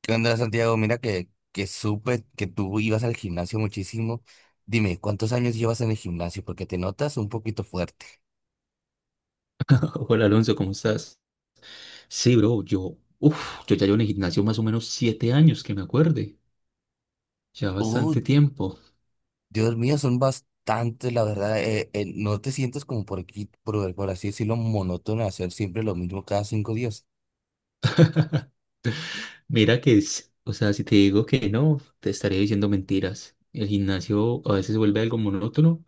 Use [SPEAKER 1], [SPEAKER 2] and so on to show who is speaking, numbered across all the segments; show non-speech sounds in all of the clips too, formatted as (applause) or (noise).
[SPEAKER 1] ¿Qué onda, Santiago? Mira que supe que tú ibas al gimnasio muchísimo. Dime, ¿cuántos años llevas en el gimnasio? Porque te notas un poquito fuerte.
[SPEAKER 2] (laughs) Hola Alonso, ¿cómo estás? Sí, bro, yo ya llevo en el gimnasio más o menos 7 años, que me acuerde, ya
[SPEAKER 1] Uh,
[SPEAKER 2] bastante tiempo.
[SPEAKER 1] Dios mío, son bastantes, la verdad. No te sientes como por aquí, por así decirlo, monótono hacer siempre lo mismo cada 5 días.
[SPEAKER 2] Mira que es, o sea, si te digo que no, te estaría diciendo mentiras. El gimnasio a veces se vuelve algo monótono,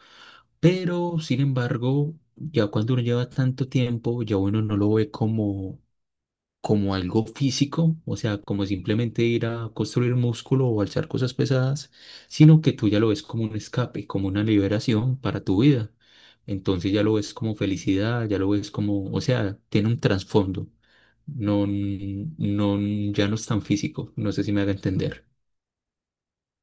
[SPEAKER 2] pero sin embargo, ya cuando uno lleva tanto tiempo, ya uno no lo ve como algo físico, o sea, como simplemente ir a construir músculo o alzar cosas pesadas, sino que tú ya lo ves como un escape, como una liberación para tu vida. Entonces ya lo ves como felicidad, ya lo ves como, o sea, tiene un trasfondo. No, no, ya no es tan físico, no sé si me haga entender.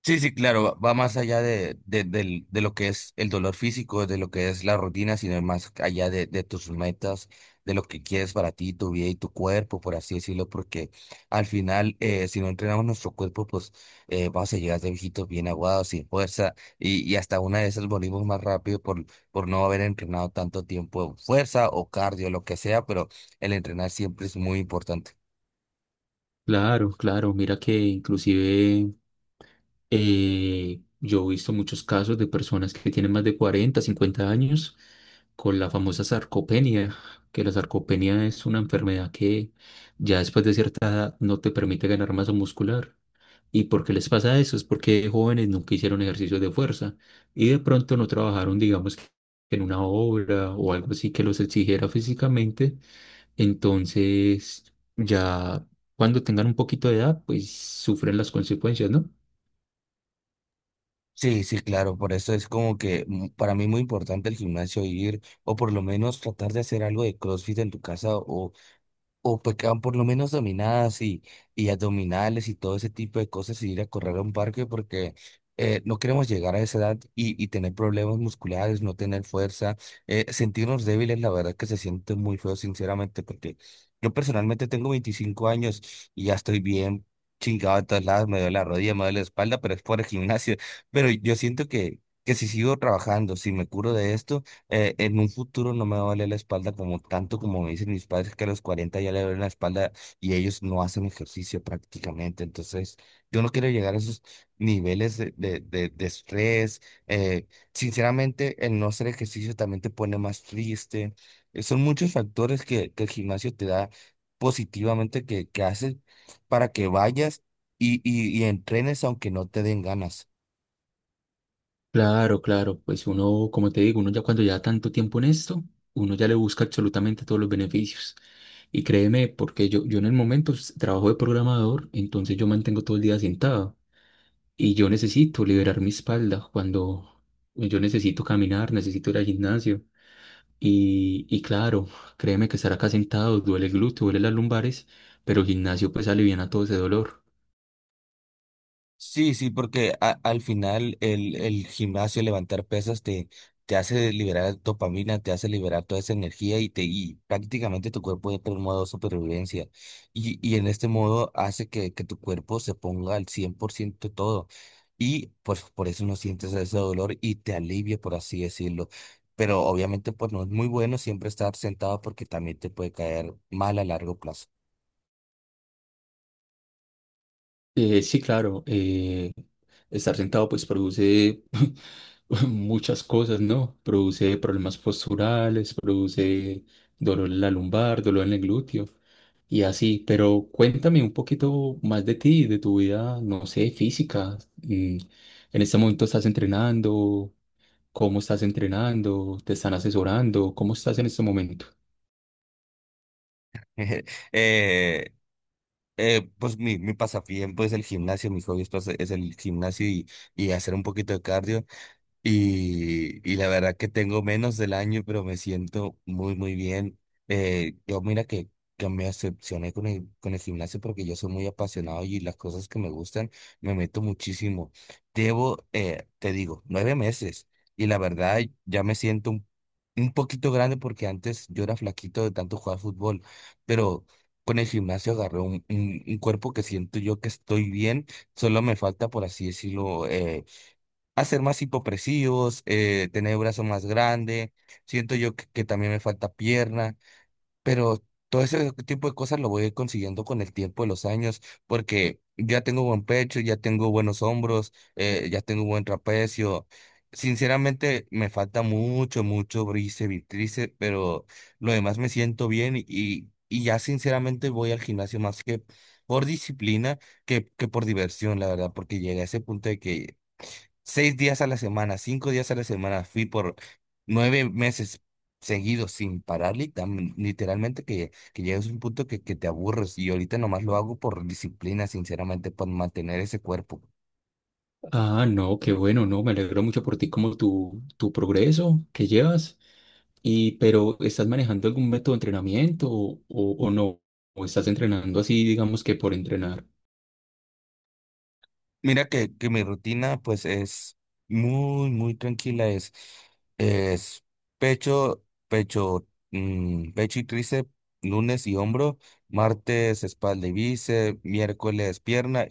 [SPEAKER 1] Sí, sí, claro, va más allá de, de lo que es el dolor físico, de lo que es la rutina, sino más allá de, tus metas, de lo que quieres para ti, tu vida y tu cuerpo, por así decirlo, porque al final, si no entrenamos nuestro cuerpo, pues vamos a llegar de viejitos bien aguados, sin fuerza, y hasta una de esas morimos más rápido por no haber entrenado tanto tiempo fuerza o cardio, lo que sea, pero el entrenar siempre es muy importante.
[SPEAKER 2] Claro, claro, mira que inclusive yo he visto muchos casos de personas que tienen más de 40 50 años con la famosa sarcopenia, que la sarcopenia es una enfermedad que ya después de cierta edad no te permite ganar masa muscular. ¿Y por qué les pasa eso? Es porque de jóvenes nunca hicieron ejercicios de fuerza y de pronto no trabajaron, digamos, que en una obra o algo así que los exigiera físicamente. Entonces, ya cuando tengan un poquito de edad, pues sufren las consecuencias, ¿no?
[SPEAKER 1] Sí, sí, claro, por eso es como que para mí muy importante el gimnasio ir, o por lo menos tratar de hacer algo de CrossFit en tu casa, o pecaban por lo menos dominadas y abdominales y todo ese tipo de cosas, y ir a correr a un parque porque no queremos llegar a esa edad y tener problemas musculares, no tener fuerza, sentirnos débiles, la verdad que se siente muy feo, sinceramente, porque yo personalmente tengo 25 años y ya estoy bien chingado de todos lados, me duele la rodilla, me duele la espalda, pero es por el gimnasio. Pero yo siento que si sigo trabajando, si me curo de esto, en un futuro no me va a doler la espalda como tanto como me dicen mis padres que a los 40 ya le duele la espalda, y ellos no hacen ejercicio prácticamente. Entonces, yo no quiero llegar a esos niveles de estrés. eh, Sinceramente, el no hacer ejercicio también te pone más triste. Son muchos factores que el gimnasio te da positivamente, que haces para que vayas y entrenes aunque no te den ganas.
[SPEAKER 2] Claro, claro, pues uno, como te digo, uno ya cuando ya tanto tiempo en esto, uno ya le busca absolutamente todos los beneficios. Y créeme, porque yo en el momento trabajo de programador, entonces yo mantengo todo el día sentado y yo necesito liberar mi espalda cuando yo necesito caminar, necesito ir al gimnasio. Y claro, créeme que estar acá sentado duele el glúteo, duele las lumbares, pero el gimnasio pues alivia todo ese dolor.
[SPEAKER 1] Sí, sí, porque al final, el gimnasio, levantar pesas te hace liberar dopamina, te hace liberar toda esa energía, y prácticamente tu cuerpo entra en modo supervivencia. Y en este modo hace que tu cuerpo se ponga al 100% todo. Y pues por eso no sientes ese dolor y te alivia, por así decirlo. Pero obviamente pues no es muy bueno siempre estar sentado, porque también te puede caer mal a largo plazo.
[SPEAKER 2] Sí, claro, estar sentado pues produce (laughs) muchas cosas, ¿no? Produce problemas posturales, produce dolor en la lumbar, dolor en el glúteo y así, pero cuéntame un poquito más de ti, de tu vida, no sé, física. En este momento estás entrenando, ¿cómo estás entrenando? ¿Te están asesorando? ¿Cómo estás en este momento?
[SPEAKER 1] (laughs) Eh, pues mi pasatiempo es el gimnasio, mi hobby es el gimnasio, y hacer un poquito de cardio. Y la verdad que tengo menos del año, pero me siento muy, muy bien. Yo mira que me decepcioné con con el gimnasio, porque yo soy muy apasionado y las cosas que me gustan me meto muchísimo. Llevo, te digo, 9 meses, y la verdad ya me siento un poquito grande, porque antes yo era flaquito de tanto jugar fútbol, pero con el gimnasio agarré un cuerpo que siento yo que estoy bien. Solo me falta, por así decirlo, hacer más hipopresivos, tener brazo más grande, siento yo que también me falta pierna, pero todo ese tipo de cosas lo voy a ir consiguiendo con el tiempo de los años, porque ya tengo buen pecho, ya tengo buenos hombros, ya tengo buen trapecio. Sinceramente me falta mucho, mucho bíceps y tríceps, pero lo demás me siento bien, y y ya sinceramente voy al gimnasio más que por disciplina que por diversión, la verdad, porque llegué a ese punto de que 6 días a la semana, 5 días a la semana, fui por 9 meses seguidos sin parar, literalmente que llegas a un punto que te aburres, y ahorita nomás lo hago por disciplina, sinceramente, por mantener ese cuerpo.
[SPEAKER 2] Ah, no, qué bueno, no, me alegro mucho por ti, como tu progreso que llevas. Y, pero, ¿estás manejando algún método de entrenamiento o no? ¿O estás entrenando así, digamos que por entrenar?
[SPEAKER 1] Mira que mi rutina pues es muy, muy tranquila, es pecho, pecho y tríceps, lunes; y hombro, martes; espalda y bíceps, miércoles; pierna,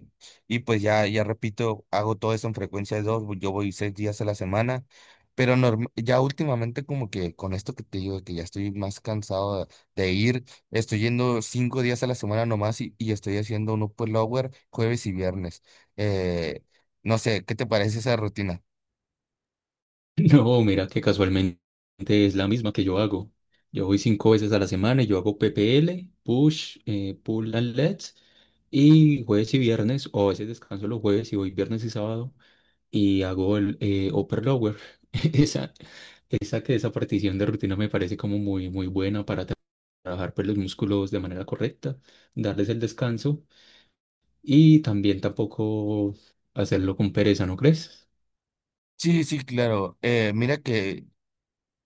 [SPEAKER 1] y pues ya, ya repito, hago todo eso en frecuencia de 2. Yo voy 6 días a la semana, pero ya últimamente, como que con esto que te digo, de que ya estoy más cansado de ir, estoy yendo 5 días a la semana nomás, y estoy haciendo un upper lower jueves y viernes. Eh, no sé, ¿qué te parece esa rutina?
[SPEAKER 2] (laughs) No, mira que casualmente es la misma que yo hago. Yo voy cinco veces a la semana y yo hago PPL, push, pull and legs, y jueves y viernes, o a veces descanso los jueves y voy viernes y sábado, y hago el upper lower. (laughs) Esa, esa partición de rutina me parece como muy, muy buena para trabajar pues, los músculos de manera correcta, darles el descanso. Y también tampoco hacerlo con pereza, ¿no crees?
[SPEAKER 1] Sí, sí, claro. Mira que,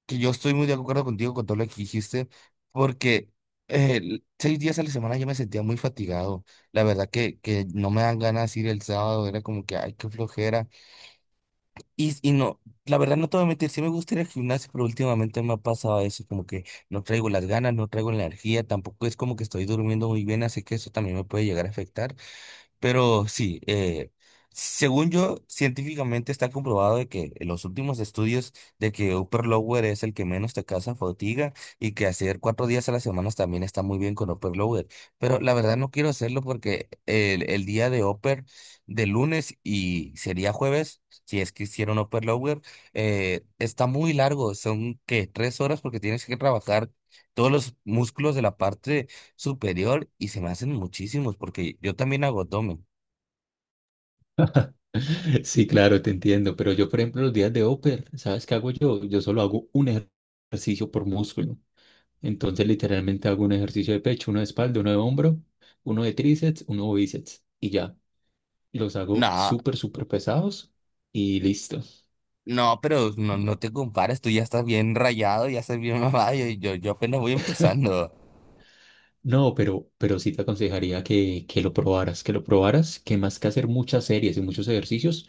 [SPEAKER 1] que yo estoy muy de acuerdo contigo con todo lo que dijiste, porque 6 días a la semana yo me sentía muy fatigado. La verdad que no me dan ganas ir el sábado, era como que, ay, qué flojera. Y no, la verdad no te voy a mentir, sí me gusta ir al gimnasio, pero últimamente me ha pasado eso, como que no traigo las ganas, no traigo la energía, tampoco es como que estoy durmiendo muy bien, así que eso también me puede llegar a afectar. Pero sí, según yo, científicamente está comprobado de que en los últimos estudios de que upper lower es el que menos te causa fatiga, y que hacer 4 días a la semana también está muy bien con upper lower. Pero la verdad no quiero hacerlo porque el día de upper de lunes, y sería jueves, si es que hicieron upper lower, está muy largo, son que 3 horas, porque tienes que trabajar todos los músculos de la parte superior, y se me hacen muchísimos porque yo también hago abdomen.
[SPEAKER 2] (laughs) Sí, claro, te entiendo, pero yo, por ejemplo, los días de upper, ¿sabes qué hago yo? Yo solo hago un ejercicio por músculo. Entonces, literalmente hago un ejercicio de pecho, uno de espalda, uno de hombro, uno de tríceps, uno de bíceps y ya. Los hago
[SPEAKER 1] No,
[SPEAKER 2] súper, súper pesados y listo.
[SPEAKER 1] no, pero no, no te compares, tú ya estás bien rayado, ya estás bien (laughs) mamado, yo apenas voy empezando.
[SPEAKER 2] No, pero sí te aconsejaría que lo probaras, que lo probaras, que más que hacer muchas series y muchos ejercicios,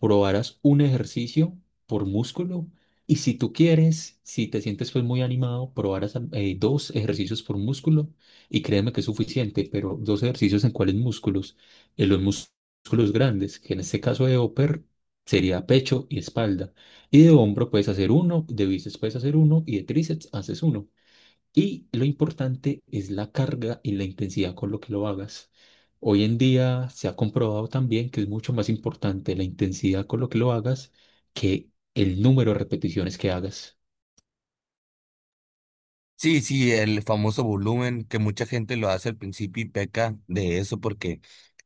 [SPEAKER 2] probaras un ejercicio por músculo. Y si tú quieres, si te sientes pues muy animado, probaras dos ejercicios por músculo y créeme que es suficiente, pero dos ejercicios en cuáles músculos, en los músculos grandes, que en este caso de upper sería pecho y espalda, y de hombro puedes hacer uno, de bíceps puedes hacer uno y de tríceps haces uno. Y lo importante es la carga y la intensidad con lo que lo hagas. Hoy en día se ha comprobado también que es mucho más importante la intensidad con lo que lo hagas que el número de repeticiones que hagas.
[SPEAKER 1] Sí, sí, el famoso volumen, que mucha gente lo hace al principio y peca de eso, porque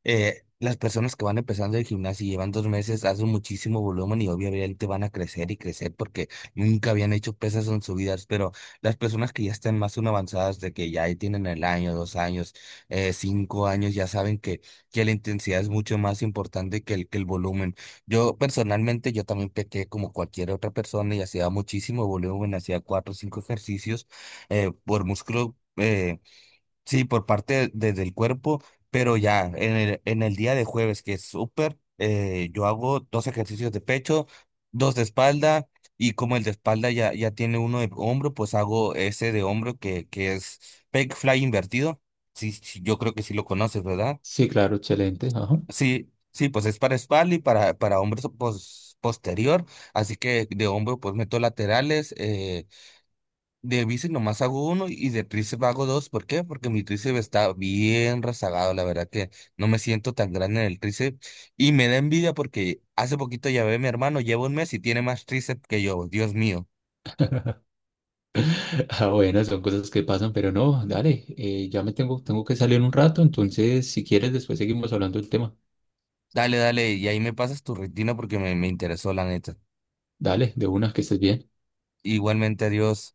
[SPEAKER 1] las personas que van empezando el gimnasio y llevan 2 meses hacen muchísimo volumen, y obviamente van a crecer y crecer porque nunca habían hecho pesas en su vida. Pero las personas que ya están más aún avanzadas, de que ya ahí tienen el año, 2 años, 5 años, ya saben que la intensidad es mucho más importante que el volumen. Yo personalmente, yo también pequé como cualquier otra persona, y hacía muchísimo volumen, hacía 4 o 5 ejercicios por músculo, sí, por parte del cuerpo, pero ya en en el día de jueves, que es súper, yo hago 2 ejercicios de pecho, 2 de espalda, y como el de espalda ya tiene uno de hombro, pues hago ese de hombro que es pec fly invertido. Sí, sí, yo creo que sí lo conoces, ¿verdad?
[SPEAKER 2] Sí, claro, excelente. Ajá.
[SPEAKER 1] Sí, sí, pues es para espalda y para hombros posterior, así que de hombro pues meto laterales, de bici nomás hago uno, y de tríceps hago 2. ¿Por qué? Porque mi tríceps está bien rezagado. La verdad que no me siento tan grande en el tríceps. Y me da envidia porque hace poquito, ya ve, mi hermano lleva 1 mes y tiene más tríceps que yo. Dios mío.
[SPEAKER 2] (laughs) Ah, bueno, son cosas que pasan, pero no, dale, tengo que salir un rato, entonces si quieres después seguimos hablando del tema.
[SPEAKER 1] Dale, dale. Y ahí me pasas tu rutina porque me interesó la neta.
[SPEAKER 2] Dale, de una, que estés bien.
[SPEAKER 1] Igualmente, adiós.